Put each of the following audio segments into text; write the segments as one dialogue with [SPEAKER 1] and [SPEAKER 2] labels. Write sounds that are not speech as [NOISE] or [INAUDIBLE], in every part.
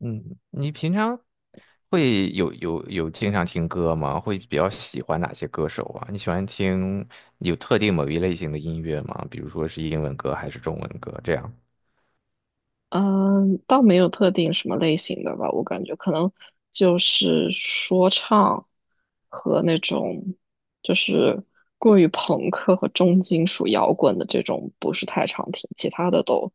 [SPEAKER 1] 嗯，你平常会有经常听歌吗？会比较喜欢哪些歌手啊？你喜欢听有特定某一类型的音乐吗？比如说是英文歌还是中文歌这样？
[SPEAKER 2] 嗯，倒没有特定什么类型的吧，我感觉可能就是说唱和那种就是过于朋克和重金属摇滚的这种不是太常听，其他的都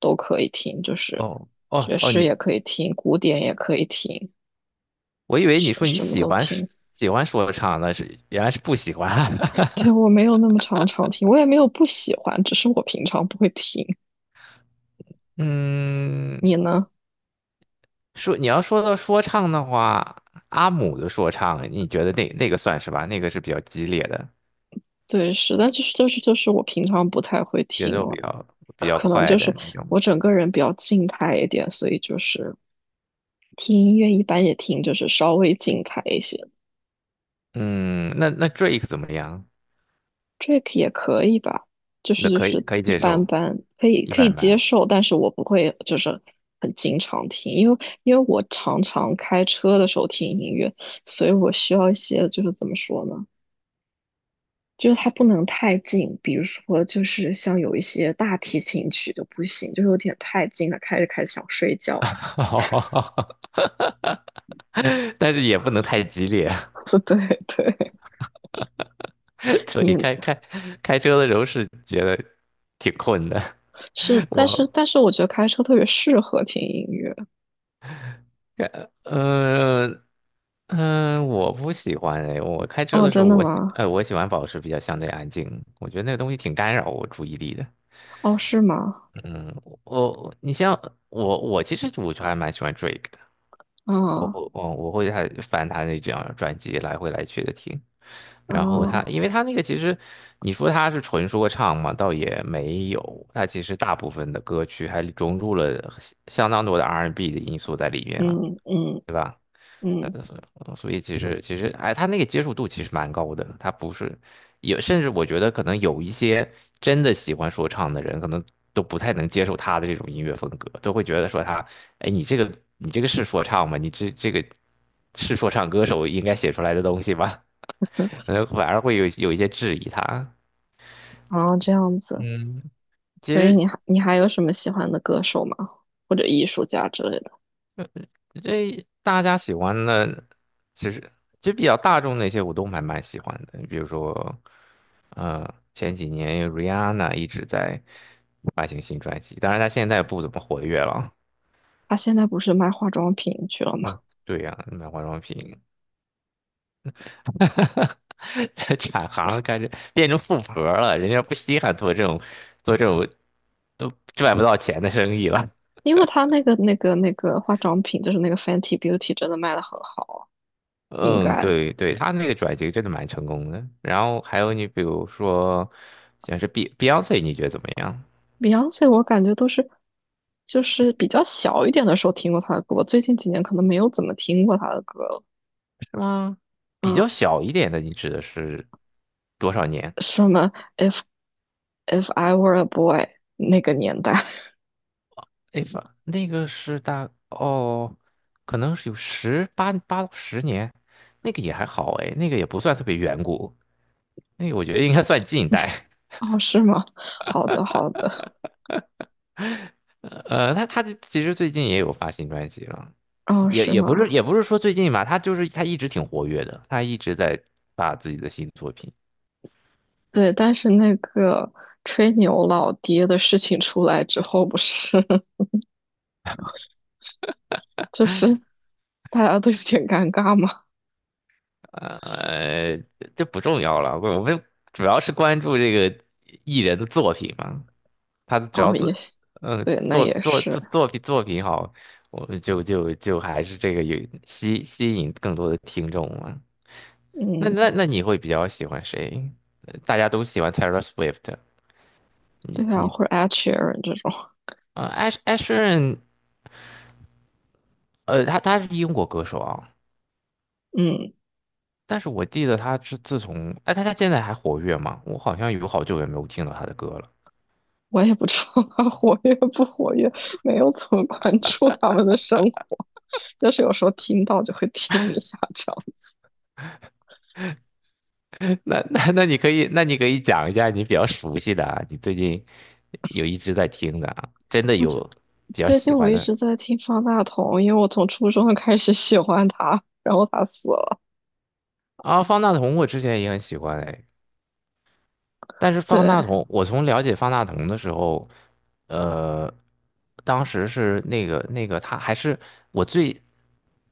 [SPEAKER 2] 都可以听，就是
[SPEAKER 1] 哦哦
[SPEAKER 2] 爵
[SPEAKER 1] 哦，
[SPEAKER 2] 士也
[SPEAKER 1] 你
[SPEAKER 2] 可以听，古典也可以听，
[SPEAKER 1] 我以为
[SPEAKER 2] 什
[SPEAKER 1] 你说你
[SPEAKER 2] 什么
[SPEAKER 1] 喜
[SPEAKER 2] 都
[SPEAKER 1] 欢是
[SPEAKER 2] 听。
[SPEAKER 1] 喜欢说唱，那是原来是不喜欢。
[SPEAKER 2] 对，
[SPEAKER 1] [LAUGHS]
[SPEAKER 2] 我没有那么常常听，我也没有不喜欢，只是我平常不会听。
[SPEAKER 1] 嗯，
[SPEAKER 2] 你呢？
[SPEAKER 1] 说你要说到说唱的话，阿姆的说唱，你觉得那个算是吧？那个是比较激烈的，
[SPEAKER 2] 对，是，但就是我平常不太会
[SPEAKER 1] 节
[SPEAKER 2] 听
[SPEAKER 1] 奏比
[SPEAKER 2] 了。
[SPEAKER 1] 较比
[SPEAKER 2] 可
[SPEAKER 1] 较
[SPEAKER 2] 可能
[SPEAKER 1] 快
[SPEAKER 2] 就
[SPEAKER 1] 的
[SPEAKER 2] 是
[SPEAKER 1] 那种。
[SPEAKER 2] 我整个人比较静态一点，所以就是听音乐一般也听就是稍微静态一些
[SPEAKER 1] 嗯，那那 Drake 怎么样？
[SPEAKER 2] ，Drake 也可以吧，就
[SPEAKER 1] 那
[SPEAKER 2] 是就
[SPEAKER 1] 可以
[SPEAKER 2] 是
[SPEAKER 1] 可以
[SPEAKER 2] 一
[SPEAKER 1] 接
[SPEAKER 2] 般
[SPEAKER 1] 受，
[SPEAKER 2] 般，可以
[SPEAKER 1] 一
[SPEAKER 2] 可以
[SPEAKER 1] 般
[SPEAKER 2] 接
[SPEAKER 1] 般。
[SPEAKER 2] 受，但是我不会就是很经常听，因为我常常开车的时候听音乐，所以我需要一些就是怎么说呢，就是它不能太近，比如说就是像有一些大提琴曲就不行，就是有点太近了，开着开着想睡觉。
[SPEAKER 1] [LAUGHS] 但是也不能太激烈。
[SPEAKER 2] [LAUGHS] 对对，
[SPEAKER 1] [LAUGHS] 所以
[SPEAKER 2] 你
[SPEAKER 1] 开车的时候是觉得挺困的。
[SPEAKER 2] 是，
[SPEAKER 1] [LAUGHS]
[SPEAKER 2] 但是
[SPEAKER 1] 我，
[SPEAKER 2] 但是我觉得开车特别适合听音乐。
[SPEAKER 1] 呃，嗯、我不喜欢哎，我开车
[SPEAKER 2] 哦，
[SPEAKER 1] 的时候，
[SPEAKER 2] 真的
[SPEAKER 1] 我喜，
[SPEAKER 2] 吗？
[SPEAKER 1] 我喜欢保持比较相对安静，我觉得那个东西挺干扰我注意力的。
[SPEAKER 2] 哦，是吗？
[SPEAKER 1] 嗯，你像我其实我就还蛮喜欢 Drake，我会，
[SPEAKER 2] 啊
[SPEAKER 1] 我会还翻他那几张专辑来回来去的听，然后他，
[SPEAKER 2] 啊，
[SPEAKER 1] 因为他那个其实你说他是纯说唱嘛，倒也没有，他其实大部分的歌曲还融入了相当多的 R&B 的因素在里面嘛，
[SPEAKER 2] 嗯嗯
[SPEAKER 1] 对吧？呃，
[SPEAKER 2] 嗯，
[SPEAKER 1] 所以其实，哎，他那个接受度其实蛮高的，他不是有，甚至我觉得可能有一些真的喜欢说唱的人，可能都不太能接受他的这种音乐风格，都会觉得说他，哎，你这个你这个是说唱吗？你这个是说唱歌手应该写出来的东西吗？[LAUGHS] 可能反而会有一些质疑他。
[SPEAKER 2] 啊，这样子。
[SPEAKER 1] 嗯，其
[SPEAKER 2] 所以
[SPEAKER 1] 实
[SPEAKER 2] 你还有什么喜欢的歌手吗？或者艺术家之类的？
[SPEAKER 1] 这大家喜欢的，其实就比较大众那些我都还蛮喜欢的，比如说，呃，前几年 Rihanna 一直在发行新专辑，当然她现在不怎么活跃了。
[SPEAKER 2] 他现在不是卖化妆品去了吗？
[SPEAKER 1] 嗯，对呀、买化妆品。[LAUGHS] 这转行开始变成富婆了，人家不稀罕做这种都赚不到钱的生意了。
[SPEAKER 2] 因为他那个化妆品，就是那个 Fenty Beauty,真的卖的很好，应
[SPEAKER 1] 嗯，
[SPEAKER 2] 该。
[SPEAKER 1] 对对，他那个转型真的蛮成功的。然后还有你比如说，像是 Beyonce，你觉得怎么样？
[SPEAKER 2] Beyonce 我感觉都是，就是比较小一点的时候听过他的歌，最近几年可能没有怎么听过他的歌了。
[SPEAKER 1] 是吗？比
[SPEAKER 2] 嗯
[SPEAKER 1] 较小一点的，你指的是多少年？
[SPEAKER 2] 什么 if I were a boy 那个年代 [LAUGHS]
[SPEAKER 1] 哎，反那个是大哦，可能是有十八八到十年，那个也还好哎，那个也不算特别远古，那个我觉得应该算近代。
[SPEAKER 2] 哦，是吗？好的，好的，
[SPEAKER 1] 他其实最近也有发新专辑了，
[SPEAKER 2] 哦，
[SPEAKER 1] 也
[SPEAKER 2] 是
[SPEAKER 1] 也不是
[SPEAKER 2] 吗？
[SPEAKER 1] 也不是说最近吧，他就是他一直挺活跃的，他一直在发自己的新作品。
[SPEAKER 2] 对，但是那个吹牛老爹的事情出来之后，不是 [LAUGHS] 就是大家都有点尴尬吗？
[SPEAKER 1] 呃，这不重要了，我们主要是关注这个艺人的作品嘛。他只
[SPEAKER 2] 哦，
[SPEAKER 1] 要作，
[SPEAKER 2] 也
[SPEAKER 1] 嗯，
[SPEAKER 2] 对，那
[SPEAKER 1] 作
[SPEAKER 2] 也
[SPEAKER 1] 作作
[SPEAKER 2] 是，
[SPEAKER 1] 作品作品好，我们就还是这个有吸引更多的听众嘛。那
[SPEAKER 2] 嗯，
[SPEAKER 1] 那那你会比较喜欢谁？呃大家都喜欢 Taylor Swift，
[SPEAKER 2] 对啊，
[SPEAKER 1] 你？
[SPEAKER 2] 或者 Adsheeran 这种，
[SPEAKER 1] 呃，Ash a s h e r 呃，他是英国歌手啊，
[SPEAKER 2] 嗯，
[SPEAKER 1] 但是我记得他是自从，哎，他他现在还活跃吗？我好像有好久也没有听到他的歌了。
[SPEAKER 2] 我也不知道他 [LAUGHS] 活跃不活跃，没有怎么关注他们的生活，就是有时候听到就会听一下这样。
[SPEAKER 1] [LAUGHS] 那你可以讲一下你比较熟悉的啊，你最近有一直在听的啊，真的
[SPEAKER 2] 我这
[SPEAKER 1] 有比较
[SPEAKER 2] 最
[SPEAKER 1] 喜
[SPEAKER 2] 近我
[SPEAKER 1] 欢
[SPEAKER 2] 一
[SPEAKER 1] 的
[SPEAKER 2] 直在听方大同，因为我从初中开始喜欢他，然后他死了。
[SPEAKER 1] 啊。方大同我之前也很喜欢哎，但是方
[SPEAKER 2] 对，
[SPEAKER 1] 大同，我从了解方大同的时候，呃，当时是那个他还是我最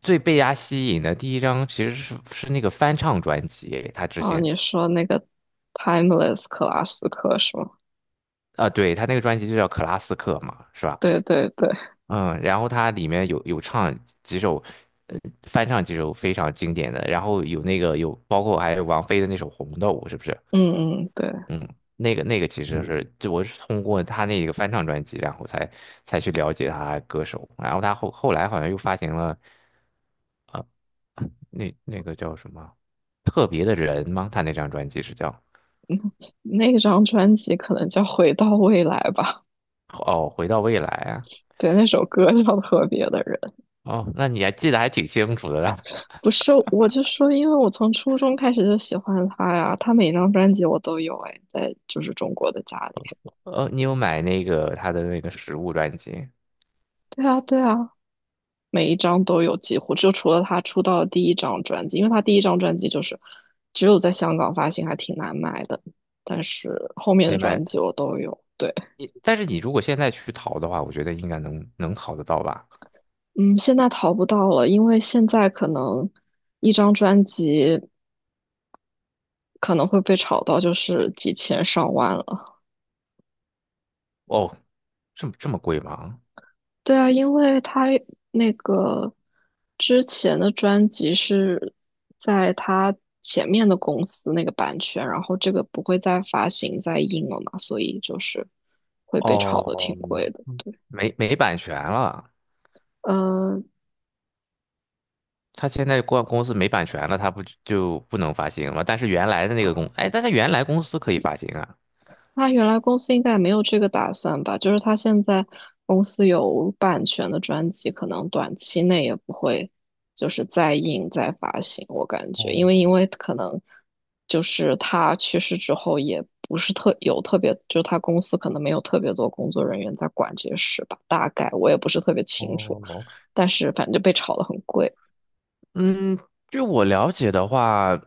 [SPEAKER 1] 最被他吸引的第一张，其实是那个翻唱专辑，他之
[SPEAKER 2] 啊，
[SPEAKER 1] 前
[SPEAKER 2] 你说那个 Timeless 克拉斯克是吗？
[SPEAKER 1] 啊，对，他那个专辑就叫《克拉斯克》嘛，是吧？
[SPEAKER 2] 对对对，
[SPEAKER 1] 嗯，然后他里面有唱几首，呃翻唱几首非常经典的，然后有那个有包括还有王菲的那首《红豆》，是不是？
[SPEAKER 2] 嗯嗯，对，
[SPEAKER 1] 嗯，那个其实是，就我是通过他那个翻唱专辑，然后才去了解他歌手，然后他后来好像又发行了，啊，那那个叫什么特别的人吗？他那张专辑是叫
[SPEAKER 2] 那张专辑可能叫《回到未来》吧。
[SPEAKER 1] 哦，回到未来啊，
[SPEAKER 2] 对，那首歌叫《特别的人》，
[SPEAKER 1] 哦，那你还记得还挺清楚的啦。
[SPEAKER 2] 不是，我就说，因为我从初中开始就喜欢他呀，他每张专辑我都有，哎，在就是中国的家里。
[SPEAKER 1] [LAUGHS] 哦，你有买那个他的那个实物专辑
[SPEAKER 2] 对啊，对啊，每一张都有几乎，就除了他出道的第一张专辑，因为他第一张专辑就是只有在香港发行，还挺难买的。但是后面的
[SPEAKER 1] 没买？
[SPEAKER 2] 专辑我都有，对，
[SPEAKER 1] 你但是你如果现在去淘的话，我觉得应该能淘得到吧？
[SPEAKER 2] 嗯，现在淘不到了，因为现在可能一张专辑可能会被炒到就是几千上万了。
[SPEAKER 1] 哦，这么贵吗？
[SPEAKER 2] 对啊，因为他那个之前的专辑是在他前面的公司那个版权，然后这个不会再发行再印了嘛，所以就是会被炒的挺
[SPEAKER 1] 哦，
[SPEAKER 2] 贵的。
[SPEAKER 1] 没版权了。
[SPEAKER 2] 嗯。
[SPEAKER 1] 他现在公司没版权了，他不就不能发行了？但是原来的那个公，哎，但他原来公司可以发行啊。
[SPEAKER 2] 他原来公司应该也没有这个打算吧？就是他现在公司有版权的专辑，可能短期内也不会就是再印再发行，我感觉，因为因
[SPEAKER 1] 哦
[SPEAKER 2] 为可能就是他去世之后，也不是特别，就他公司可能没有特别多工作人员在管这些事吧，大概我也不是特别清楚，
[SPEAKER 1] 哦，
[SPEAKER 2] 但是反正就被炒得很贵。
[SPEAKER 1] 嗯，据我了解的话，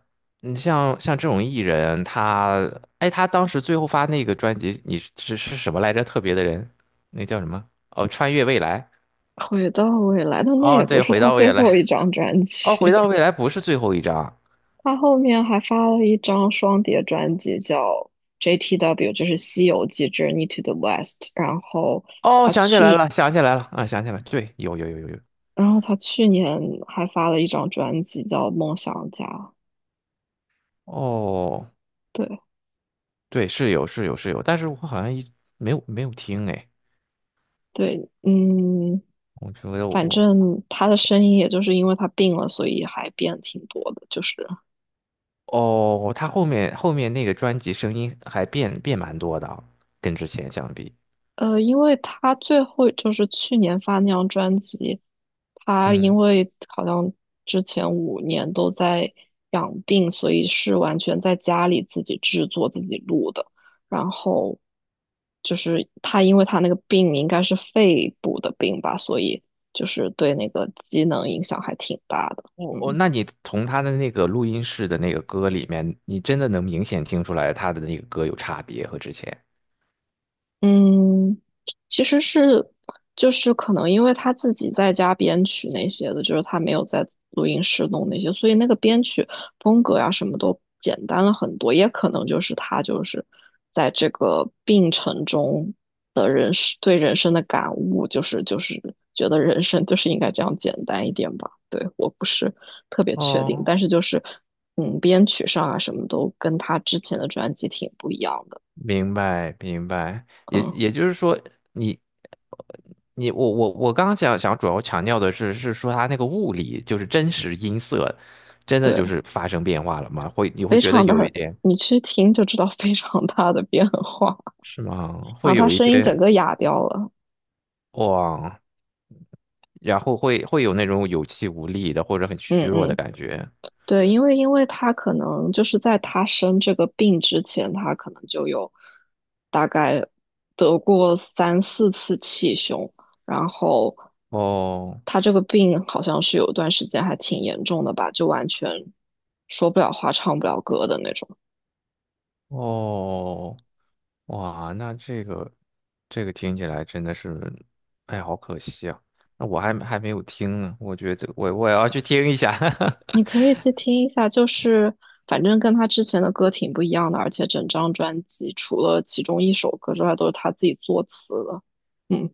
[SPEAKER 1] 你像这种艺人，他，哎，他当时最后发那个专辑，你是什么来着？特别的人，那叫什么？哦，穿越未来。
[SPEAKER 2] 回到未来，但那
[SPEAKER 1] 哦，
[SPEAKER 2] 也不
[SPEAKER 1] 对，
[SPEAKER 2] 是
[SPEAKER 1] 回
[SPEAKER 2] 他
[SPEAKER 1] 到
[SPEAKER 2] 最
[SPEAKER 1] 未
[SPEAKER 2] 后
[SPEAKER 1] 来。
[SPEAKER 2] 一张专
[SPEAKER 1] 哦，
[SPEAKER 2] 辑。
[SPEAKER 1] 回到未来不是最后一张。
[SPEAKER 2] 他后面还发了一张双碟专辑，叫 JTW,就是《西游记 Journey to the West》。然后
[SPEAKER 1] 哦，
[SPEAKER 2] 他
[SPEAKER 1] 想起来
[SPEAKER 2] 去，
[SPEAKER 1] 了，想起来了，啊，想起来了，对，有。
[SPEAKER 2] 然后他去年还发了一张专辑叫《梦想家》。
[SPEAKER 1] 哦，
[SPEAKER 2] 对
[SPEAKER 1] 对，是有是有是有，但是我好像一没有听哎，
[SPEAKER 2] 对，嗯，
[SPEAKER 1] 我觉得我
[SPEAKER 2] 反
[SPEAKER 1] 我
[SPEAKER 2] 正他的声音也就是因为他病了，所以还变挺多的，就是
[SPEAKER 1] 哦，他后面那个专辑声音还变蛮多的啊跟之前相比，
[SPEAKER 2] 因为他最后就是去年发那张专辑，他因
[SPEAKER 1] 嗯，
[SPEAKER 2] 为好像之前5年都在养病，所以是完全在家里自己制作、自己录的。然后就是他，因为他那个病应该是肺部的病吧，所以就是对那个机能影响还挺大的。
[SPEAKER 1] 哦哦，
[SPEAKER 2] 嗯。
[SPEAKER 1] 那你从他的那个录音室的那个歌里面，你真的能明显听出来他的那个歌有差别和之前。
[SPEAKER 2] 嗯，其实是就是可能因为他自己在家编曲那些的，就是他没有在录音室弄那些，所以那个编曲风格呀、什么都简单了很多。也可能就是他就是在这个病程中的人生对人生的感悟，就是觉得人生就是应该这样简单一点吧。对，我不是特别确定，
[SPEAKER 1] 哦，
[SPEAKER 2] 但是就是编曲上啊什么都跟他之前的专辑挺不一样的。
[SPEAKER 1] 明白，明白，也
[SPEAKER 2] 嗯，
[SPEAKER 1] 也就是说你，你我刚刚想主要强调的是，是说它那个物理就是真实音色，真的
[SPEAKER 2] 对。
[SPEAKER 1] 就是发生变化了吗？会你会
[SPEAKER 2] 非
[SPEAKER 1] 觉得
[SPEAKER 2] 常大
[SPEAKER 1] 有一
[SPEAKER 2] 的，
[SPEAKER 1] 点
[SPEAKER 2] 你去听就知道非常大的变化。
[SPEAKER 1] 是吗？
[SPEAKER 2] 然后
[SPEAKER 1] 会
[SPEAKER 2] 他
[SPEAKER 1] 有一
[SPEAKER 2] 声音整
[SPEAKER 1] 些
[SPEAKER 2] 个哑掉了。
[SPEAKER 1] 哇，然后会有那种有气无力的或者很虚
[SPEAKER 2] 嗯
[SPEAKER 1] 弱的
[SPEAKER 2] 嗯，
[SPEAKER 1] 感觉。
[SPEAKER 2] 对，因为他可能就是在他生这个病之前，他可能就有大概得过三四次气胸，然后
[SPEAKER 1] 哦
[SPEAKER 2] 他这个病好像是有一段时间还挺严重的吧，就完全说不了话、唱不了歌的那种。
[SPEAKER 1] 哦，哇，那这个这个听起来真的是，哎，好可惜啊！那我还没有听呢，我觉得我我也要去听一下。
[SPEAKER 2] 你可以
[SPEAKER 1] [LAUGHS]
[SPEAKER 2] 去听一下，就是反正跟他之前的歌挺不一样的，而且整张专辑除了其中一首歌之外，都是他自己作词的。嗯，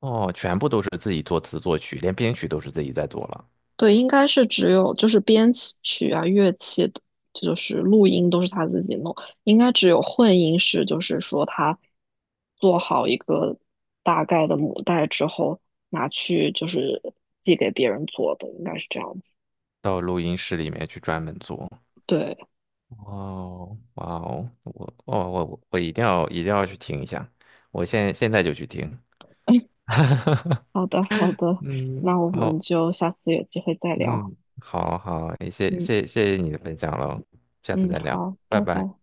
[SPEAKER 1] 哦，全部都是自己作词作曲，连编曲都是自己在做了，
[SPEAKER 2] 对，应该是只有就是编曲啊、乐器的，就是录音都是他自己弄，应该只有混音是就是说他做好一个大概的母带之后拿去就是寄给别人做的，应该是这样子。
[SPEAKER 1] 到录音室里面去专门做。
[SPEAKER 2] 对，
[SPEAKER 1] 哦，哇哦，我一定要一定要去听一下，我现在就去听。[LAUGHS]
[SPEAKER 2] 好的，好的，
[SPEAKER 1] 嗯，
[SPEAKER 2] 那我们
[SPEAKER 1] 好，
[SPEAKER 2] 就下次有机会再聊。
[SPEAKER 1] 嗯，好好，谢谢
[SPEAKER 2] 嗯。
[SPEAKER 1] 谢谢你的分享了，下次
[SPEAKER 2] 嗯，
[SPEAKER 1] 再聊，
[SPEAKER 2] 好，
[SPEAKER 1] 拜
[SPEAKER 2] 拜
[SPEAKER 1] 拜。
[SPEAKER 2] 拜。